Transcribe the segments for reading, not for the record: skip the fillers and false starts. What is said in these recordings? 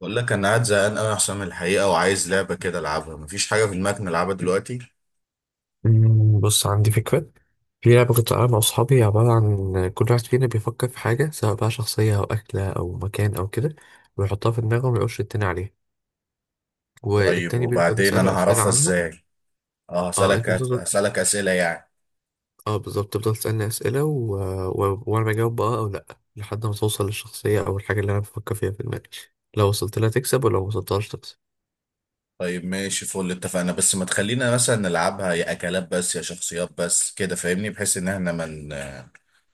بقول لك انا قاعد زهقان قوي يا حسام الحقيقه، وعايز لعبه كده العبها. مفيش حاجه في دماغك نلعبها دلوقتي؟ بص عندي فكرة. في لعبة كنت بلعبها مع أصحابي عبارة عن كل واحد فينا بيفكر في حاجة سواء بقى شخصية أو أكلة أو مكان أو كده، ويحطها في دماغه وما يقولش التاني عليها. طيب والتاني بيفضل وبعدين يسأله انا أسئلة هعرفها عنها. ازاي؟ اه، اه هسالك أنت بتفضل، هسالك اسئله يعني. اه بالظبط تفضل تسألني أسئلة و... و... وأنا بجاوب بقى أو لأ، لحد ما توصل للشخصية أو الحاجة اللي أنا بفكر فيها في دماغي. لو وصلت لها تكسب ولو ما وصلتهاش تكسب. طيب ماشي، فل اتفقنا. بس ما تخلينا مثلا نلعبها يا اكلات بس يا شخصيات بس، كده فاهمني، بحيث ان احنا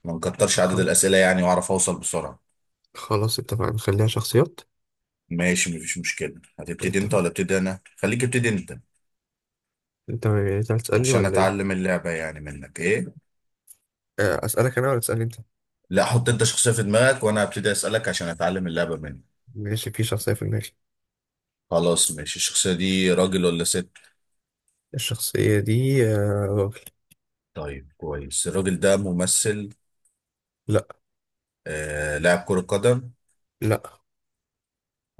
ما نكترش عدد خل... الاسئله يعني، واعرف اوصل بسرعه. خلاص اتفقنا نخليها شخصيات. ماشي مفيش مشكله. هتبتدي انت اتفقنا. ولا ابتدي انا؟ خليك ابتدي انت أنت هتسألني عشان ولا إيه؟ اتعلم اللعبه يعني منك، ايه. أسألك أنا ولا تسألني أنت؟ لا، حط انت شخصيه في دماغك وانا هبتدي اسالك عشان اتعلم اللعبه منك. ماشي في شخصية في دماغي. خلاص ماشي، الشخصية دي راجل ولا ست؟ الشخصية دي راجل. طيب كويس. الراجل ده ممثل؟ لا. آه، لاعب كرة قدم؟ لا.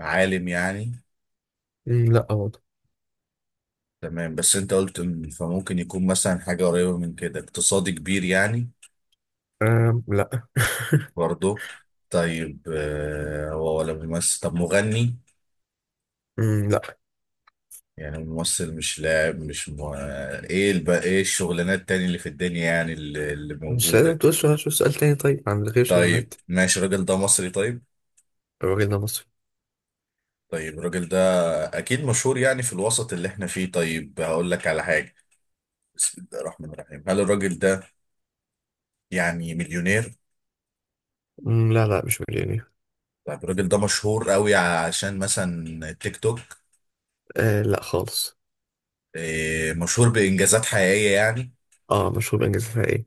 عالم يعني؟ لا برضه. تمام، بس انت قلت فممكن يكون مثلا حاجة قريبة من كده، اقتصادي كبير يعني؟ لا برضه؟ طيب آه، هو ولا ممثل؟ طب مغني؟ لا. يعني ممثل مش لاعب مش م... ايه ايه الشغلانات التانية اللي في الدنيا يعني، اللي مش لازم موجودة؟ تقول سؤال، شو سؤال تاني طيب عن غير طيب شغلانات. ماشي، الراجل ده مصري طيب؟ الراجل ده مصري. طيب الراجل ده اكيد مشهور يعني في الوسط اللي احنا فيه. طيب هقول لك على حاجه، بسم الله الرحمن الرحيم. هل الراجل ده يعني مليونير؟ لا، لا مش مليونير. طيب الراجل ده مشهور قوي عشان مثلا تيك توك؟ آه لا خالص. إيه، مشهور بانجازات حقيقيه يعني؟ اه مشهور بإنجازاتها ايه.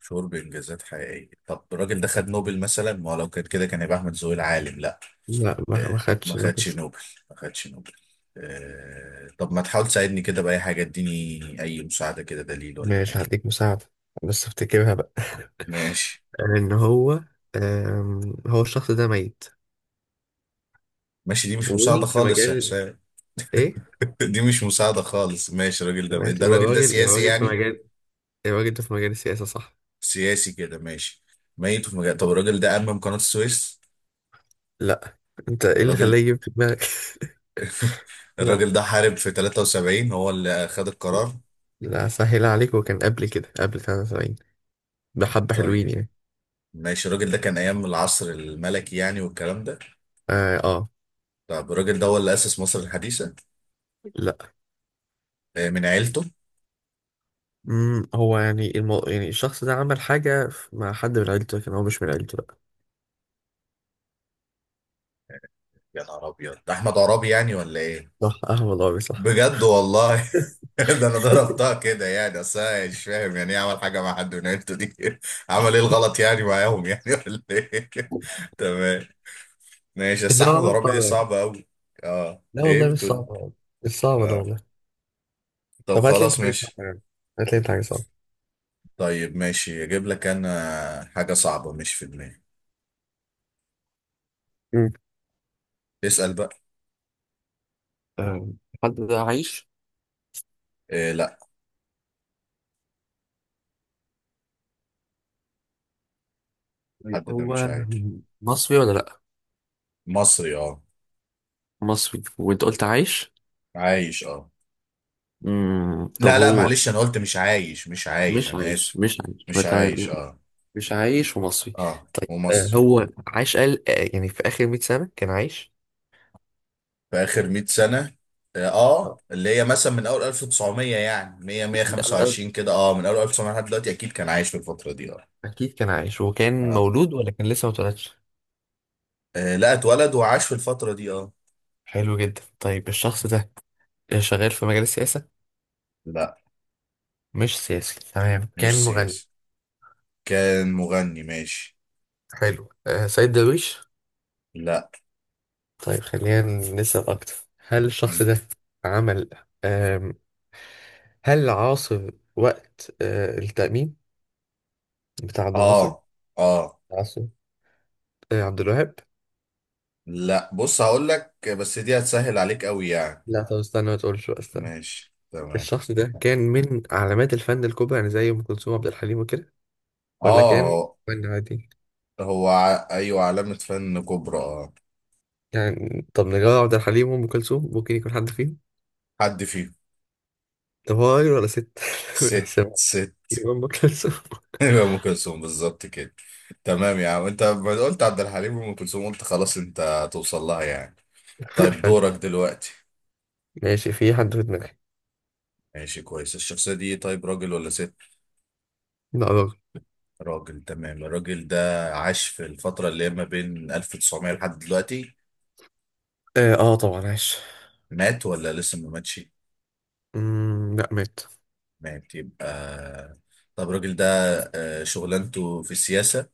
مشهور بانجازات حقيقيه. طب الراجل ده خد نوبل مثلا؟ ما هو لو كان كده كان يبقى احمد زويل العالم. لا لا، ما ما خدش خدش نوبل. نوبل، ما خدش نوبل. إيه، طب ما تحاول تساعدني كده باي حاجه، اديني اي مساعده كده، دليل ولا ماشي حاجه. هديك مساعدة، بس افتكرها بقى. ماشي. آه، ان هو هو الشخص ده ميت. ماشي دي مش مساعده وفي خالص يا مجال، حسام. ايه. دي مش مساعدة خالص. ماشي الراجل ده، ماشي الراجل ده والراجل سياسي الراجل في يعني؟ مجال. الراجل ده في مجال السياسة، صح. سياسي كده ماشي، ميت، في مجال. طب الراجل ده أمم قناة السويس؟ لا، انت ايه اللي الراجل. خلاه يجيب في دماغك؟ الراجل لا. ده حارب في 73، هو اللي خد القرار. لا سهل عليك، هو كان قبل كده، قبل 73. بحبة حلوين طيب يعني. ماشي، الراجل ده كان أيام العصر الملكي يعني والكلام ده؟ اه, آه. طب الراجل ده هو اللي أسس مصر الحديثة؟ لا. آه، من عيلته؟ مم. هو يعني يعني الشخص ده عمل حاجة مع حد من عيلته لكن هو مش من عيلته، لا. يا نهار أبيض، ده أحمد عرابي يعني ولا إيه؟ صح. اه والله مش صح. بجد والله! ده انا ضربتها كده يعني، اصل أنا مش فاهم يعني ايه عمل حاجه مع حد من عيلته دي. عمل ايه الغلط يعني معاهم يعني ولا ايه؟ تمام. ماشي لا بس احمد والله مش عرابي دي صعبة يعني. صعبه قوي. اه لا ايه والله مش بتقول؟ صعبة، مش صعبة ده اه، والله. طب طب هات لي انت خلاص حاجة صعبة ماشي. يعني، هات لي انت حاجة صعبة. طيب ماشي اجيب لك انا حاجه صعبه مش في دماغي. مم. اسال بقى. آه، حد ده عايش؟ إيه لا. طيب حد ده مش هو عايش. مصري ولا لا؟ مصري اه. مصري، وانت قلت عايش. عايش اه. مم. طب لا لا هو معلش، انا قلت مش عايش مش عايش، مش انا عايش، اسف. مش عايش، ما مش عايش تمام. اه. مش عايش ومصري. اه طيب ومصري. هو عاش، قال يعني في آخر 100 سنة كان عايش. في اخر 100 سنه. اه آه، آه. اللي هي مثلا من اول 1900 يعني 100 قال 125 كده، اه من اول 1900 لحد دلوقتي اكيد كان عايش في الفتره دي اه. أكيد كان عايش. هو كان اه مولود ولا كان لسه ما اتولدش؟ آه، لا اتولد وعاش في الفتره دي اه. حلو جدا. طيب الشخص ده شغال في مجال السياسة؟ لا مش سياسي تمام، مش كان مغني؟ سياسي، كان مغني ماشي. حلو، آه سيد درويش. لا. طيب خلينا نسأل أكتر. هل الشخص مم. ده عمل، آم، هل عاصر وقت التأميم بتاع عبد الناصر؟ اه اه. عاصر آه عبد الوهاب؟ لا بص هقول لك، بس دي هتسهل عليك قوي يعني. لا طب استنى، ما تقولش بقى، استنى. ماشي تمام. الشخص ده كان من علامات الفن الكبرى يعني زي ام كلثوم عبد الحليم وكده، ولا اه كان هو فن عادي ايوه علامه فن كبرى اه. يعني؟ طب نجاة عبد الحليم وام كلثوم، ممكن يكون حد فيهم. حد فيهم. طب هو راجل ولا ست ست. بنحسبها. ست. يبقى ام كلثوم. ايوه ام كلثوم بالظبط كده. تمام يا عم، انت ما قلت عبد الحليم وام كلثوم، قلت خلاص انت هتوصل لها يعني. طيب حلو. دورك دلوقتي. ماشي في حد في دماغي. ماشي كويس، الشخصية دي طيب راجل ولا ست؟ لا راجل. راجل تمام. الراجل ده عاش في الفترة اللي هي ما بين 1900 لحد دلوقتي. طبعا عايش. مات ولا لسه ما ماتش؟ لا مات. مات يبقى. طب الراجل ده آه، شغلانته في السياسة؟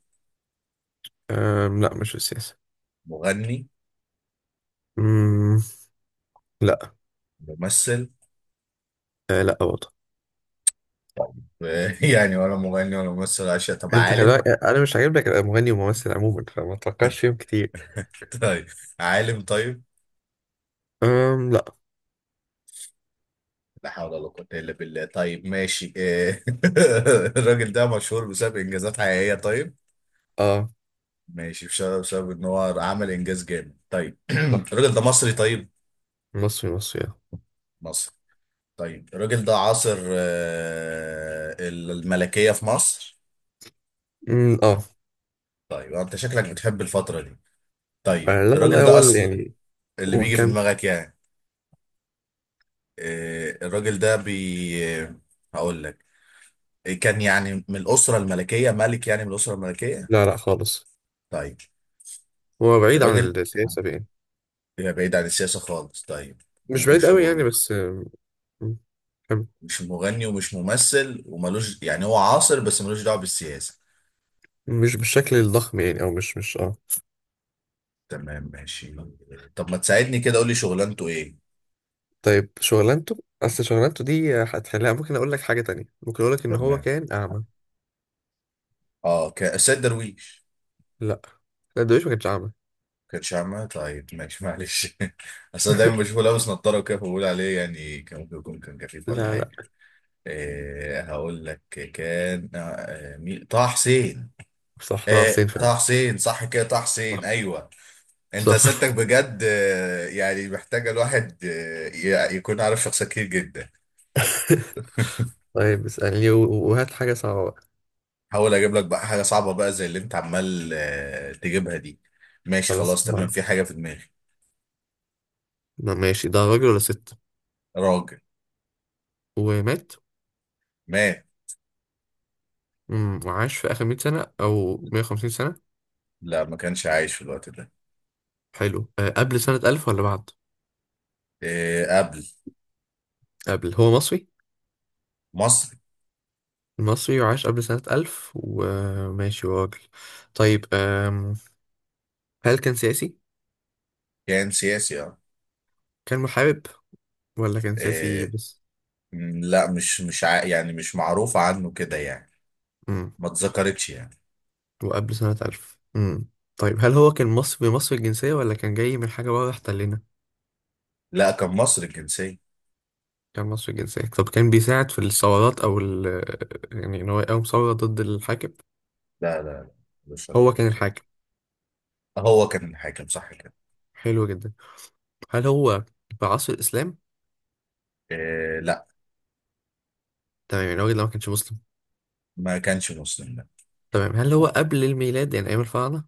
لا مش في السياسة. مغني؟ مم، لا. ممثل؟ آه لا برضه. يعني ولا مغني ولا ممثل، عشان طب انت خلي عالم؟ بالك انا مش عاجبك ابقى مغني وممثل عموما، فما تفكرش فيهم كتير. طيب عالم طيب. أم لا. لا حول ولا قوة إلا بالله. طيب ماشي إيه. الراجل ده مشهور بسبب إنجازات حقيقية طيب؟ اه ماشي، بسبب إن هو عمل إنجاز جامد طيب. لا. الراجل ده مصري طيب؟ مصري، مصري اه. مصري طيب. الراجل ده عاصر آه، الملكية في مصر؟ أمم، آه. طيب أنت شكلك بتحب الفترة دي، طيب لا الراجل والله هو ده أصل يعني اللي هو بيجي في كام. دماغك يعني، آه، الراجل ده هقول لك، كان يعني من الأسرة الملكية، ملك يعني من الأسرة الملكية؟ لا لا خالص. طيب هو بعيد عن الراجل، السياسة يعني. هي بعيد عن السياسة خالص طيب، مش بعيد ومش قوي يعني، مغني؟ بس كم- مش مغني ومش ممثل وملوش يعني هو عاصر بس ملوش دعوة بالسياسة؟ مش بالشكل الضخم يعني، او مش اه. تمام ماشي. طب ما تساعدني كده قول لي شغلانته ايه. طيب شغلانته، اصل شغلانته دي هتخليها، ممكن اقول لك حاجة تانية، ممكن اقول لك ان هو تمام، كان اعمى. اه السيد درويش؟ لا، لا دويش ما كانش اعمى. كانش عامة؟ طيب ماشي معلش، اصل أنا دايما بشوفه لابس نضارة وكده فبقول عليه يعني كان ممكن يكون كان كفيف ولا لا. لا حاجة. إيه هقول لك، كان آه آه، مين، طه حسين؟ صح طه حسين إيه فعلا. طه حسين صح كده، طه حسين صح. ايوه. انت صح. اسئلتك بجد آه، يعني محتاجه الواحد آه، يكون عارف شخصيات كتير جدا. طيب اسألني وهات حاجة صعبة بقى. حاول اجيب لك بقى حاجه صعبه بقى زي اللي انت عمال آه، تجيبها دي. ماشي خلاص خلاص تمام، اتفقنا. في حاجه في دماغي. ماشي ده راجل ولا ست؟ راجل. ومات. مات. امم، وعاش في آخر 100 سنة أو 150 سنة؟ لا ما كانش عايش في الوقت ده. حلو. أه قبل سنة 1000 ولا بعد؟ آه، قبل. قبل، هو مصري. مصري. مصري وعاش قبل سنة 1000 وماشي، هو راجل. طيب هل كان سياسي؟ كان سياسي اه. كان محارب ولا كان سياسي آه، بس؟ م، لا مش مش ع... يعني مش معروف عنه كده يعني، امم. ما اتذكرتش يعني. وقبل سنة 1000. امم. طيب هل هو كان مصري، مصري الجنسية، ولا كان جاي من حاجة بره احتلنا؟ لا كان مصري الجنسيه. كان مصري الجنسية. طب كان بيساعد في الثورات أو يعني إن هو يقاوم ثورة ضد الحاكم؟ لا، مش هو علاقه كان بالكلام. الحاكم. هو كان حاكم صح كده. حلو جدا. هل هو في عصر الإسلام؟ آه، لا تمام، يعني الراجل ده ما كانش مسلم. ما كانش مسلم لا. تمام، هل هو قبل الميلاد يعني أيام الفراعنة؟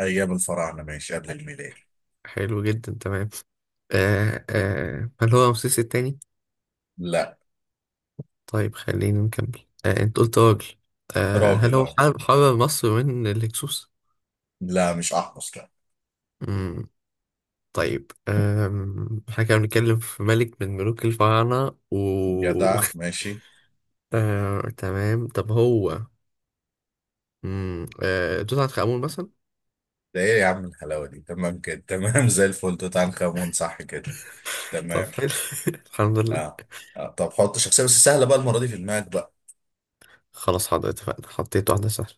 ايام الفراعنه ماشي، قبل الميلاد. حلو جدا، تمام. هل هو رمسيس التاني؟ لا. طيب خلينا نكمل، آه أنت قلت راجل. آه هل راجل هو اه. حرر مصر من الهكسوس؟ لا مش احمس لا. مم. طيب احنا كنا بنتكلم في ملك من ملوك الفراعنة. و جدع ماشي. تمام. طب هو توت عنخ آمون مثلا؟ ده ايه يا عم الحلاوه دي، تمام كده تمام، زي الفل، توت عنخ امون صح كده. طب تمام حلو. الحمد لله. اه, آه. طب حط شخصيه بس سهله بقى المره دي في دماغك بقى. خلاص حاضر اتفقنا، حطيت واحدة سهلة.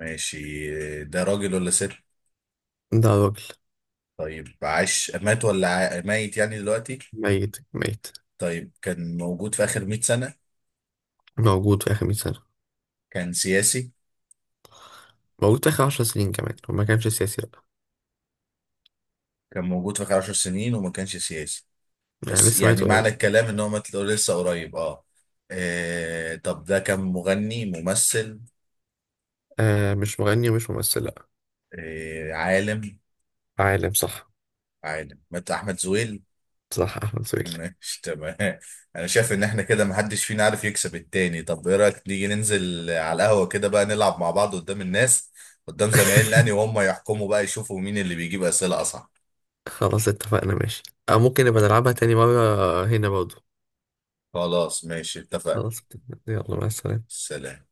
ماشي، ده راجل ولا ست؟ ده طيب عاش مات ولا ميت يعني دلوقتي؟ ميت طيب كان موجود في اخر 100 سنه؟ موجود في آخر 100 سنة. كان سياسي؟ موجود في آخر 10 سنين كمان وما كانش سياسي لأ. كان موجود في اخر 10 سنين وما كانش سياسي؟ يعني بس لسه يعني ميت قريب. معنى الكلام ان هو مات لسه قريب اه. آه، طب ده كان مغني ممثل؟ آه مش مغني ومش ممثل لأ. آه، عالم؟ عالم صح. عالم، مات، احمد زويل. صح أحمد سويل. ماشي تمام. انا شايف ان احنا كده محدش فينا عارف يكسب التاني. طب ايه رايك نيجي ننزل على القهوه كده بقى نلعب مع بعض قدام الناس، قدام زمايلنا يعني، وهم يحكموا بقى يشوفوا مين اللي بيجيب اسئله اصح. خلاص اتفقنا، ماشي. أو ممكن نبقى نلعبها تاني مرة هنا برضه. خلاص ماشي اتفقنا. خلاص اتفقنا. يلا مع السلامة. سلام.